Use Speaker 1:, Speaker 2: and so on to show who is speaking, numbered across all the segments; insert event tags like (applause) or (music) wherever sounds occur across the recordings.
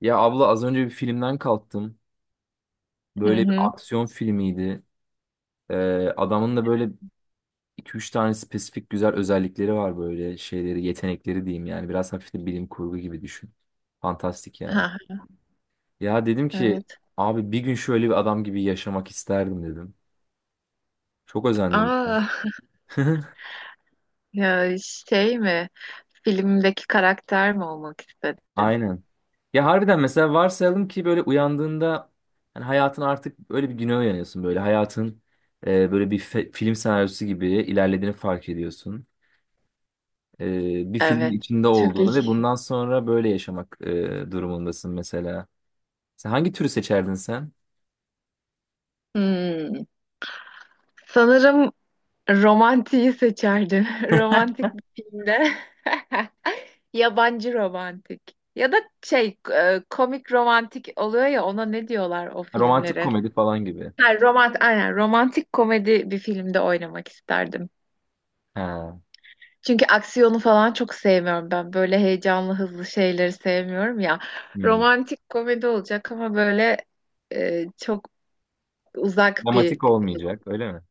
Speaker 1: Ya abla az önce bir filmden kalktım.
Speaker 2: Hı
Speaker 1: Böyle bir
Speaker 2: hı.
Speaker 1: aksiyon filmiydi. Ee, adamın da böyle iki üç tane spesifik güzel özellikleri var böyle şeyleri, yetenekleri diyeyim yani. Biraz hafif de bilim kurgu gibi düşün. Fantastik yani.
Speaker 2: Ha,
Speaker 1: Ya dedim ki
Speaker 2: evet.
Speaker 1: abi bir gün şöyle bir adam gibi yaşamak isterdim dedim. Çok özendim.
Speaker 2: Aa,
Speaker 1: (laughs)
Speaker 2: (laughs) ya şey mi? Filmdeki karakter mi olmak istedin?
Speaker 1: Aynen. Ya harbiden mesela varsayalım ki böyle uyandığında hani hayatın artık öyle bir güne uyanıyorsun böyle hayatın böyle bir film senaryosu gibi ilerlediğini fark ediyorsun. Bir filmin
Speaker 2: Evet.
Speaker 1: içinde
Speaker 2: Çok
Speaker 1: olduğunu ve
Speaker 2: iyi.
Speaker 1: bundan sonra böyle yaşamak durumundasın mesela. Sen hangi türü seçerdin sen?
Speaker 2: Hmm. Sanırım romantiği seçerdim. (laughs) Romantik bir filmde. (laughs) Yabancı romantik. Ya da komik romantik oluyor ya ona ne diyorlar o
Speaker 1: Ha, romantik
Speaker 2: filmlere?
Speaker 1: komedi falan gibi.
Speaker 2: Ha, romantik komedi bir filmde oynamak isterdim.
Speaker 1: Ha,
Speaker 2: Çünkü aksiyonu falan çok sevmiyorum ben. Böyle heyecanlı, hızlı şeyleri sevmiyorum ya.
Speaker 1: hmm.
Speaker 2: Romantik komedi olacak ama böyle çok uzak bir,
Speaker 1: Dramatik olmayacak, öyle mi?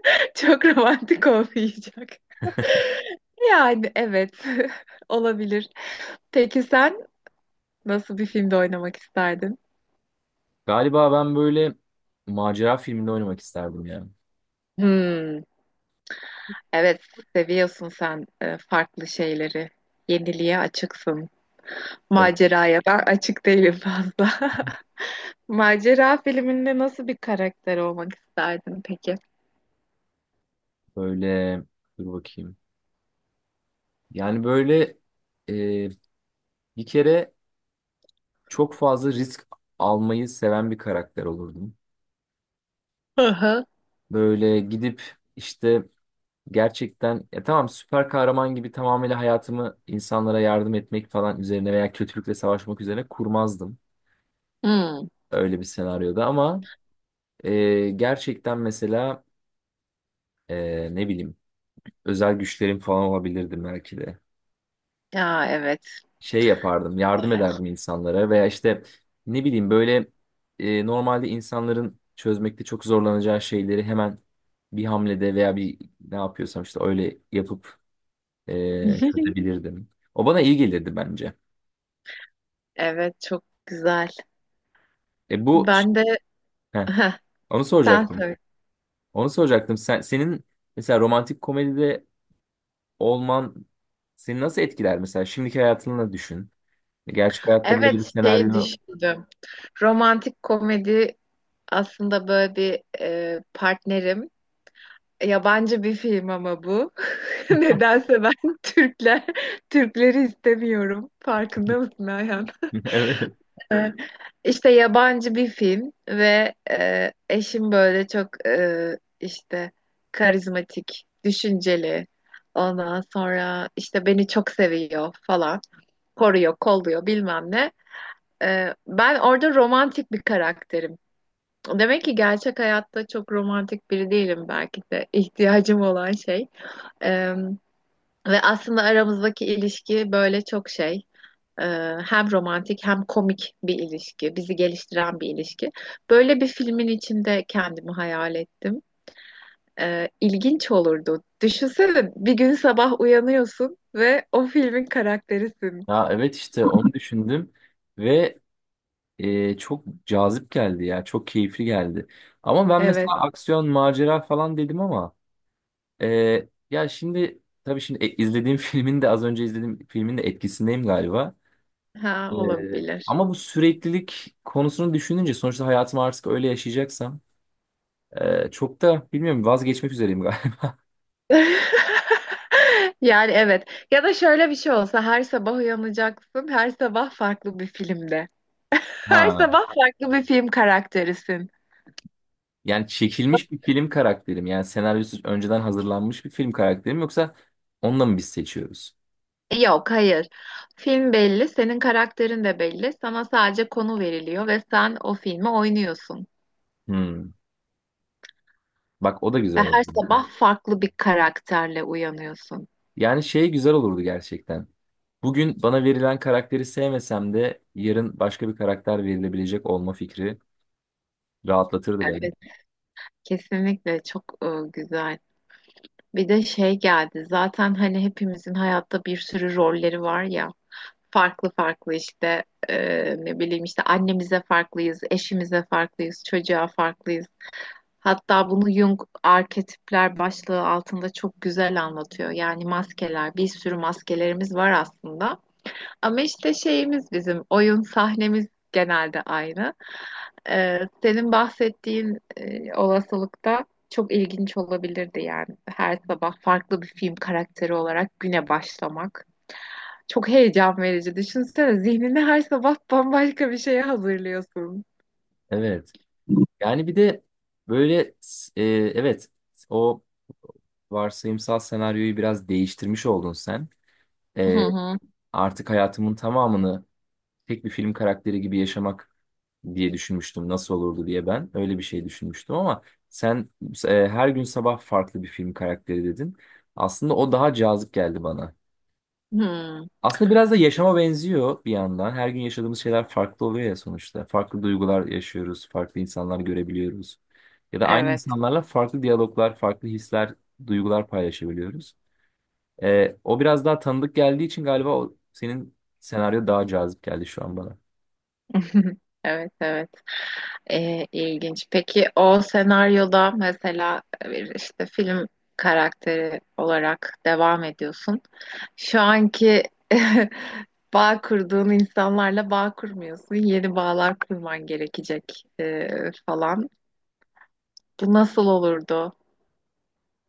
Speaker 2: (laughs) çok romantik olmayacak. (laughs) Yani evet, (laughs) olabilir. Peki sen nasıl bir filmde oynamak isterdin?
Speaker 1: Galiba ben böyle macera filminde oynamak isterdim ya.
Speaker 2: Hmm, evet, seviyorsun sen farklı şeyleri. Yeniliğe açıksın.
Speaker 1: Evet,
Speaker 2: Maceraya ben açık değilim fazla. (laughs) Macera filminde nasıl bir karakter olmak isterdin peki?
Speaker 1: böyle dur bakayım. Yani böyle e, bir kere çok fazla risk almayı seven bir karakter olurdum.
Speaker 2: Hı hı.
Speaker 1: Böyle gidip işte gerçekten ya tamam, süper kahraman gibi tamamıyla hayatımı insanlara yardım etmek falan üzerine veya kötülükle savaşmak üzerine kurmazdım
Speaker 2: Hmm.
Speaker 1: öyle bir senaryoda ama gerçekten mesela ne bileyim özel güçlerim falan olabilirdim belki de.
Speaker 2: Ya evet.
Speaker 1: Şey yapardım, yardım
Speaker 2: Güzel.
Speaker 1: ederdim insanlara veya işte ne bileyim böyle normalde insanların çözmekte çok zorlanacağı şeyleri hemen bir hamlede veya bir ne yapıyorsam işte öyle yapıp
Speaker 2: (laughs)
Speaker 1: çözebilirdim. O bana iyi gelirdi bence.
Speaker 2: Evet çok güzel.
Speaker 1: E bu
Speaker 2: Ben de.
Speaker 1: heh,
Speaker 2: Heh,
Speaker 1: onu
Speaker 2: sen
Speaker 1: soracaktım.
Speaker 2: söyle.
Speaker 1: Onu soracaktım. Senin mesela romantik komedide olman seni nasıl etkiler mesela? Şimdiki hayatını düşün. E, Gerçek hayatta böyle bir
Speaker 2: Evet şey
Speaker 1: senaryo.
Speaker 2: düşündüm. Romantik komedi aslında böyle bir partnerim. Yabancı bir film ama bu. (laughs) Nedense ben Türkler Türkleri istemiyorum. Farkında
Speaker 1: (laughs)
Speaker 2: mısın Ayhan?
Speaker 1: Evet.
Speaker 2: İşte yabancı bir film ve eşim böyle çok işte karizmatik, düşünceli. Ondan sonra işte beni çok seviyor falan. Koruyor, kolluyor bilmem ne. Ben orada romantik bir karakterim. Demek ki gerçek hayatta çok romantik biri değilim belki de (laughs) ihtiyacım olan şey. E, Ve aslında aramızdaki ilişki böyle çok şey. Hem romantik hem komik bir ilişki, bizi geliştiren bir ilişki. Böyle bir filmin içinde kendimi hayal ettim. İlginç olurdu. Düşünsene bir gün sabah uyanıyorsun ve o filmin karakterisin.
Speaker 1: Ya evet işte onu düşündüm ve çok cazip geldi ya. Çok keyifli geldi. Ama ben mesela
Speaker 2: Evet,
Speaker 1: aksiyon, macera falan dedim ama e, ya şimdi tabii şimdi e, izlediğim (laughs) filmin de, az önce izlediğim filmin de etkisindeyim galiba.
Speaker 2: ha
Speaker 1: Ee,
Speaker 2: olabilir.
Speaker 1: Ama bu süreklilik konusunu düşününce sonuçta hayatımı artık öyle yaşayacaksam çok da bilmiyorum, vazgeçmek üzereyim galiba. (laughs)
Speaker 2: (laughs) Yani evet. Ya da şöyle bir şey olsa her sabah uyanacaksın, her sabah farklı bir filmde. Her
Speaker 1: Ha.
Speaker 2: sabah farklı bir film karakterisin.
Speaker 1: Yani çekilmiş bir film karakterim, yani senaryosu önceden hazırlanmış bir film karakterim, yoksa onunla mı biz seçiyoruz?
Speaker 2: Yok, hayır. Film belli, senin karakterin de belli. Sana sadece konu veriliyor ve sen o filmi oynuyorsun.
Speaker 1: Hmm. Bak o da güzel
Speaker 2: Ve
Speaker 1: olurdu.
Speaker 2: her sabah farklı bir karakterle uyanıyorsun.
Speaker 1: Yani şey, güzel olurdu gerçekten. Bugün bana verilen karakteri sevmesem de yarın başka bir karakter verilebilecek olma fikri rahatlatırdı beni.
Speaker 2: Evet, kesinlikle çok güzel. Bir de şey geldi. Zaten hani hepimizin hayatta bir sürü rolleri var ya. Farklı farklı işte ne bileyim işte annemize farklıyız, eşimize farklıyız, çocuğa farklıyız. Hatta bunu Jung arketipler başlığı altında çok güzel anlatıyor. Yani maskeler, bir sürü maskelerimiz var aslında. Ama işte şeyimiz bizim, oyun sahnemiz genelde aynı. Senin bahsettiğin olasılıkta çok ilginç olabilirdi yani. Her sabah farklı bir film karakteri olarak güne başlamak. Çok heyecan verici. Düşünsene zihnini her sabah bambaşka bir şeye hazırlıyorsun.
Speaker 1: Evet. Yani bir de böyle e, evet o varsayımsal senaryoyu biraz değiştirmiş oldun sen.
Speaker 2: Hı
Speaker 1: Ee,
Speaker 2: hı.
Speaker 1: Artık hayatımın tamamını tek bir film karakteri gibi yaşamak diye düşünmüştüm. Nasıl olurdu diye ben öyle bir şey düşünmüştüm ama sen her gün sabah farklı bir film karakteri dedin. Aslında o daha cazip geldi bana.
Speaker 2: Hı,
Speaker 1: Aslında biraz da yaşama benziyor bir yandan. Her gün yaşadığımız şeyler farklı oluyor ya sonuçta. Farklı duygular yaşıyoruz, farklı insanlar görebiliyoruz. Ya da aynı
Speaker 2: evet.
Speaker 1: insanlarla farklı diyaloglar, farklı hisler, duygular paylaşabiliyoruz. O biraz daha tanıdık geldiği için galiba o, senin senaryo daha cazip geldi şu an bana.
Speaker 2: (laughs) Evet, evet. İlginç. Peki o senaryoda mesela bir işte film karakteri olarak devam ediyorsun. Şu anki (laughs) bağ kurduğun insanlarla bağ kurmuyorsun. Yeni bağlar kurman gerekecek falan. Bu nasıl olurdu?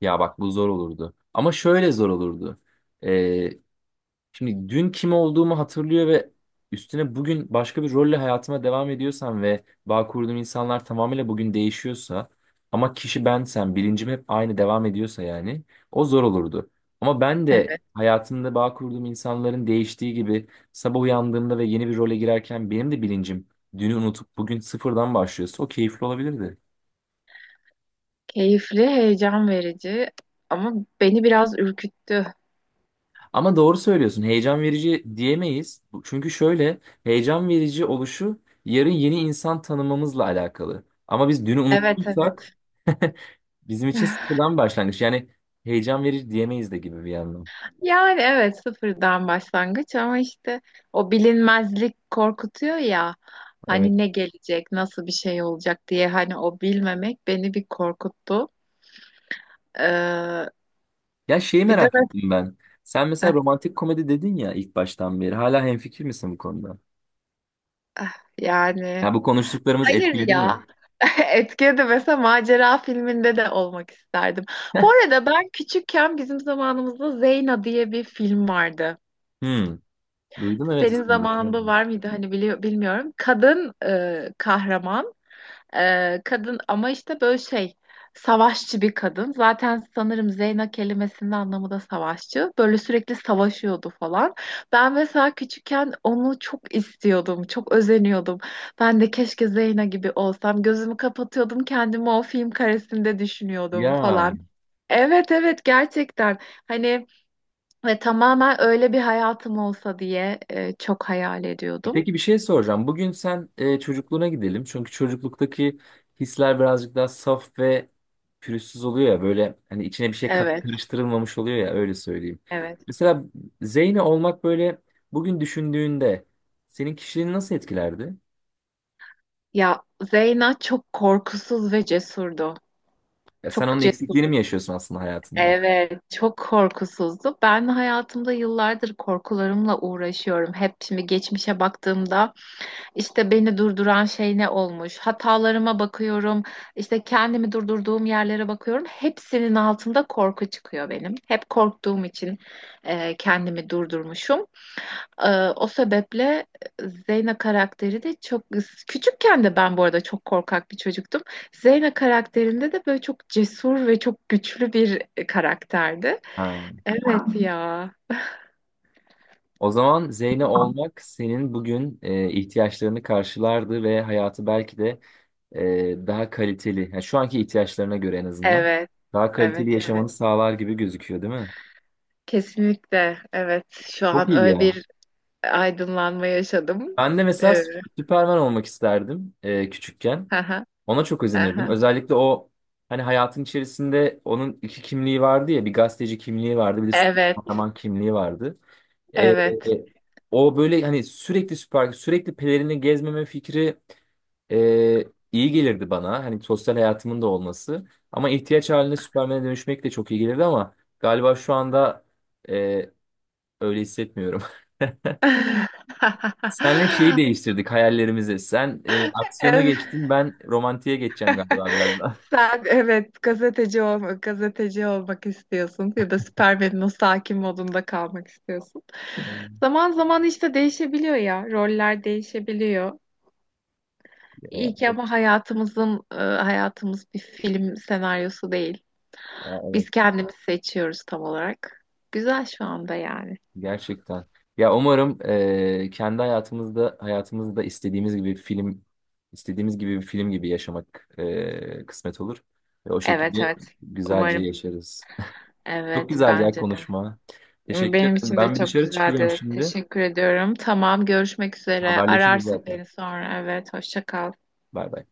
Speaker 1: Ya bak bu zor olurdu. Ama şöyle zor olurdu. Şimdi dün kim olduğumu hatırlıyor ve üstüne bugün başka bir rolle hayatıma devam ediyorsam ve bağ kurduğum insanlar tamamıyla bugün değişiyorsa ama kişi bensem, bilincim hep aynı devam ediyorsa, yani o zor olurdu. Ama ben de
Speaker 2: Evet.
Speaker 1: hayatımda bağ kurduğum insanların değiştiği gibi sabah uyandığımda ve yeni bir role girerken benim de bilincim dünü unutup bugün sıfırdan başlıyorsa o keyifli olabilirdi.
Speaker 2: Keyifli, heyecan verici ama beni biraz ürküttü.
Speaker 1: Ama doğru söylüyorsun. Heyecan verici diyemeyiz. Çünkü şöyle, heyecan verici oluşu yarın yeni insan tanımamızla alakalı. Ama biz dünü
Speaker 2: Evet,
Speaker 1: unuttuysak
Speaker 2: evet.
Speaker 1: (laughs) bizim için
Speaker 2: (laughs)
Speaker 1: sıfırdan başlangıç. Yani heyecan verici diyemeyiz de gibi bir yandan.
Speaker 2: Yani evet, sıfırdan başlangıç ama işte o bilinmezlik korkutuyor ya,
Speaker 1: Evet.
Speaker 2: hani ne gelecek nasıl bir şey olacak diye, hani o bilmemek beni bir korkuttu. Ee,
Speaker 1: Ya şeyi
Speaker 2: Bir de
Speaker 1: merak ettim ben. Sen mesela
Speaker 2: mesela
Speaker 1: romantik komedi dedin ya ilk baştan beri. Hala hemfikir misin bu konuda?
Speaker 2: (laughs) yani
Speaker 1: Ya bu konuştuklarımız
Speaker 2: hayır
Speaker 1: etkiledi mi?
Speaker 2: ya. (laughs) Etkiye de mesela macera filminde de olmak isterdim. Bu arada ben küçükken bizim zamanımızda Zeyna diye bir film vardı.
Speaker 1: Hmm. Duydum evet
Speaker 2: Senin
Speaker 1: ismini.
Speaker 2: zamanında var mıydı hani biliyor, bilmiyorum. Kadın kahraman. Kadın ama işte böyle şey, savaşçı bir kadın. Zaten sanırım Zeyna kelimesinin anlamı da savaşçı. Böyle sürekli savaşıyordu falan. Ben mesela küçükken onu çok istiyordum. Çok özeniyordum. Ben de keşke Zeyna gibi olsam. Gözümü kapatıyordum, kendimi o film karesinde düşünüyordum
Speaker 1: Ya.
Speaker 2: falan. Evet, evet, gerçekten. Hani ve tamamen öyle bir hayatım olsa diye çok hayal ediyordum.
Speaker 1: Peki bir şey soracağım. Bugün sen çocukluğuna gidelim. Çünkü çocukluktaki hisler birazcık daha saf ve pürüzsüz oluyor ya. Böyle hani içine bir şey kat
Speaker 2: Evet,
Speaker 1: karıştırılmamış oluyor ya, öyle söyleyeyim.
Speaker 2: evet.
Speaker 1: Mesela Zeyne olmak böyle, bugün düşündüğünde senin kişiliğini nasıl etkilerdi?
Speaker 2: Ya, Zeyna çok korkusuz ve cesurdu.
Speaker 1: Ya sen
Speaker 2: Çok
Speaker 1: onun
Speaker 2: cesur.
Speaker 1: eksikliğini mi yaşıyorsun aslında hayatında?
Speaker 2: Evet, çok korkusuzdu. Ben hayatımda yıllardır korkularımla uğraşıyorum. Hep şimdi geçmişe baktığımda işte beni durduran şey ne olmuş? Hatalarıma bakıyorum. İşte kendimi durdurduğum yerlere bakıyorum. Hepsinin altında korku çıkıyor benim. Hep korktuğum için kendimi durdurmuşum. Ee, O sebeple Zeyna karakteri de çok küçükken de ben bu arada çok korkak bir çocuktum. Zeyna karakterinde de böyle çok cesur ve çok güçlü bir karakterdi.
Speaker 1: Ha.
Speaker 2: Evet. Ya.
Speaker 1: O zaman Zeyne olmak senin bugün ihtiyaçlarını karşılardı ve hayatı belki de daha kaliteli, yani şu anki ihtiyaçlarına göre en azından
Speaker 2: Evet,
Speaker 1: daha
Speaker 2: evet,
Speaker 1: kaliteli
Speaker 2: evet.
Speaker 1: yaşamanı sağlar gibi gözüküyor, değil mi?
Speaker 2: Kesinlikle. Evet. Şu
Speaker 1: Çok
Speaker 2: an
Speaker 1: iyi
Speaker 2: öyle
Speaker 1: ya.
Speaker 2: bir aydınlanma yaşadım.
Speaker 1: Ben de mesela
Speaker 2: Ee,
Speaker 1: Süperman olmak isterdim küçükken.
Speaker 2: (laughs) haha,
Speaker 1: Ona çok özenirdim.
Speaker 2: haha.
Speaker 1: Özellikle o hani hayatın içerisinde onun iki kimliği vardı ya, bir gazeteci kimliği vardı, bir de süper
Speaker 2: Evet,
Speaker 1: kahraman kimliği vardı. E, e,
Speaker 2: evet.
Speaker 1: O böyle hani sürekli süper, sürekli pelerini gezmeme fikri Ee, iyi gelirdi bana. Hani sosyal hayatımın da olması. Ama ihtiyaç halinde Süpermen'e dönüşmek de çok iyi gelirdi ama galiba şu anda e, öyle hissetmiyorum. (laughs) Senle şeyi
Speaker 2: (laughs)
Speaker 1: değiştirdik hayallerimizi. Sen aksiyona
Speaker 2: Evet.
Speaker 1: geçtin, ben romantiğe geçeceğim galiba biraz daha.
Speaker 2: Sen evet gazeteci olmak, gazeteci olmak istiyorsun ya da Superman'in o sakin modunda kalmak istiyorsun.
Speaker 1: Hmm.
Speaker 2: Zaman zaman işte değişebiliyor ya, roller değişebiliyor.
Speaker 1: Ya,
Speaker 2: İyi ki
Speaker 1: evet,
Speaker 2: ama hayatımız bir film senaryosu değil.
Speaker 1: ya, evet,
Speaker 2: Biz kendimiz seçiyoruz tam olarak. Güzel şu anda yani.
Speaker 1: (laughs) gerçekten. Ya umarım kendi hayatımızda istediğimiz gibi bir film gibi yaşamak kısmet olur. Ve o şekilde
Speaker 2: Evet, evet.
Speaker 1: güzelce
Speaker 2: Umarım.
Speaker 1: yaşarız. Çok
Speaker 2: Evet
Speaker 1: güzeldi ya
Speaker 2: bence de.
Speaker 1: konuşma. Teşekkür
Speaker 2: Benim
Speaker 1: ederim.
Speaker 2: için de
Speaker 1: Ben bir
Speaker 2: çok
Speaker 1: dışarı çıkacağım
Speaker 2: güzeldi.
Speaker 1: şimdi.
Speaker 2: Teşekkür ediyorum. Tamam, görüşmek üzere.
Speaker 1: Haberleşiriz
Speaker 2: Ararsın
Speaker 1: zaten.
Speaker 2: beni sonra. Evet, hoşça kal.
Speaker 1: Bay bay.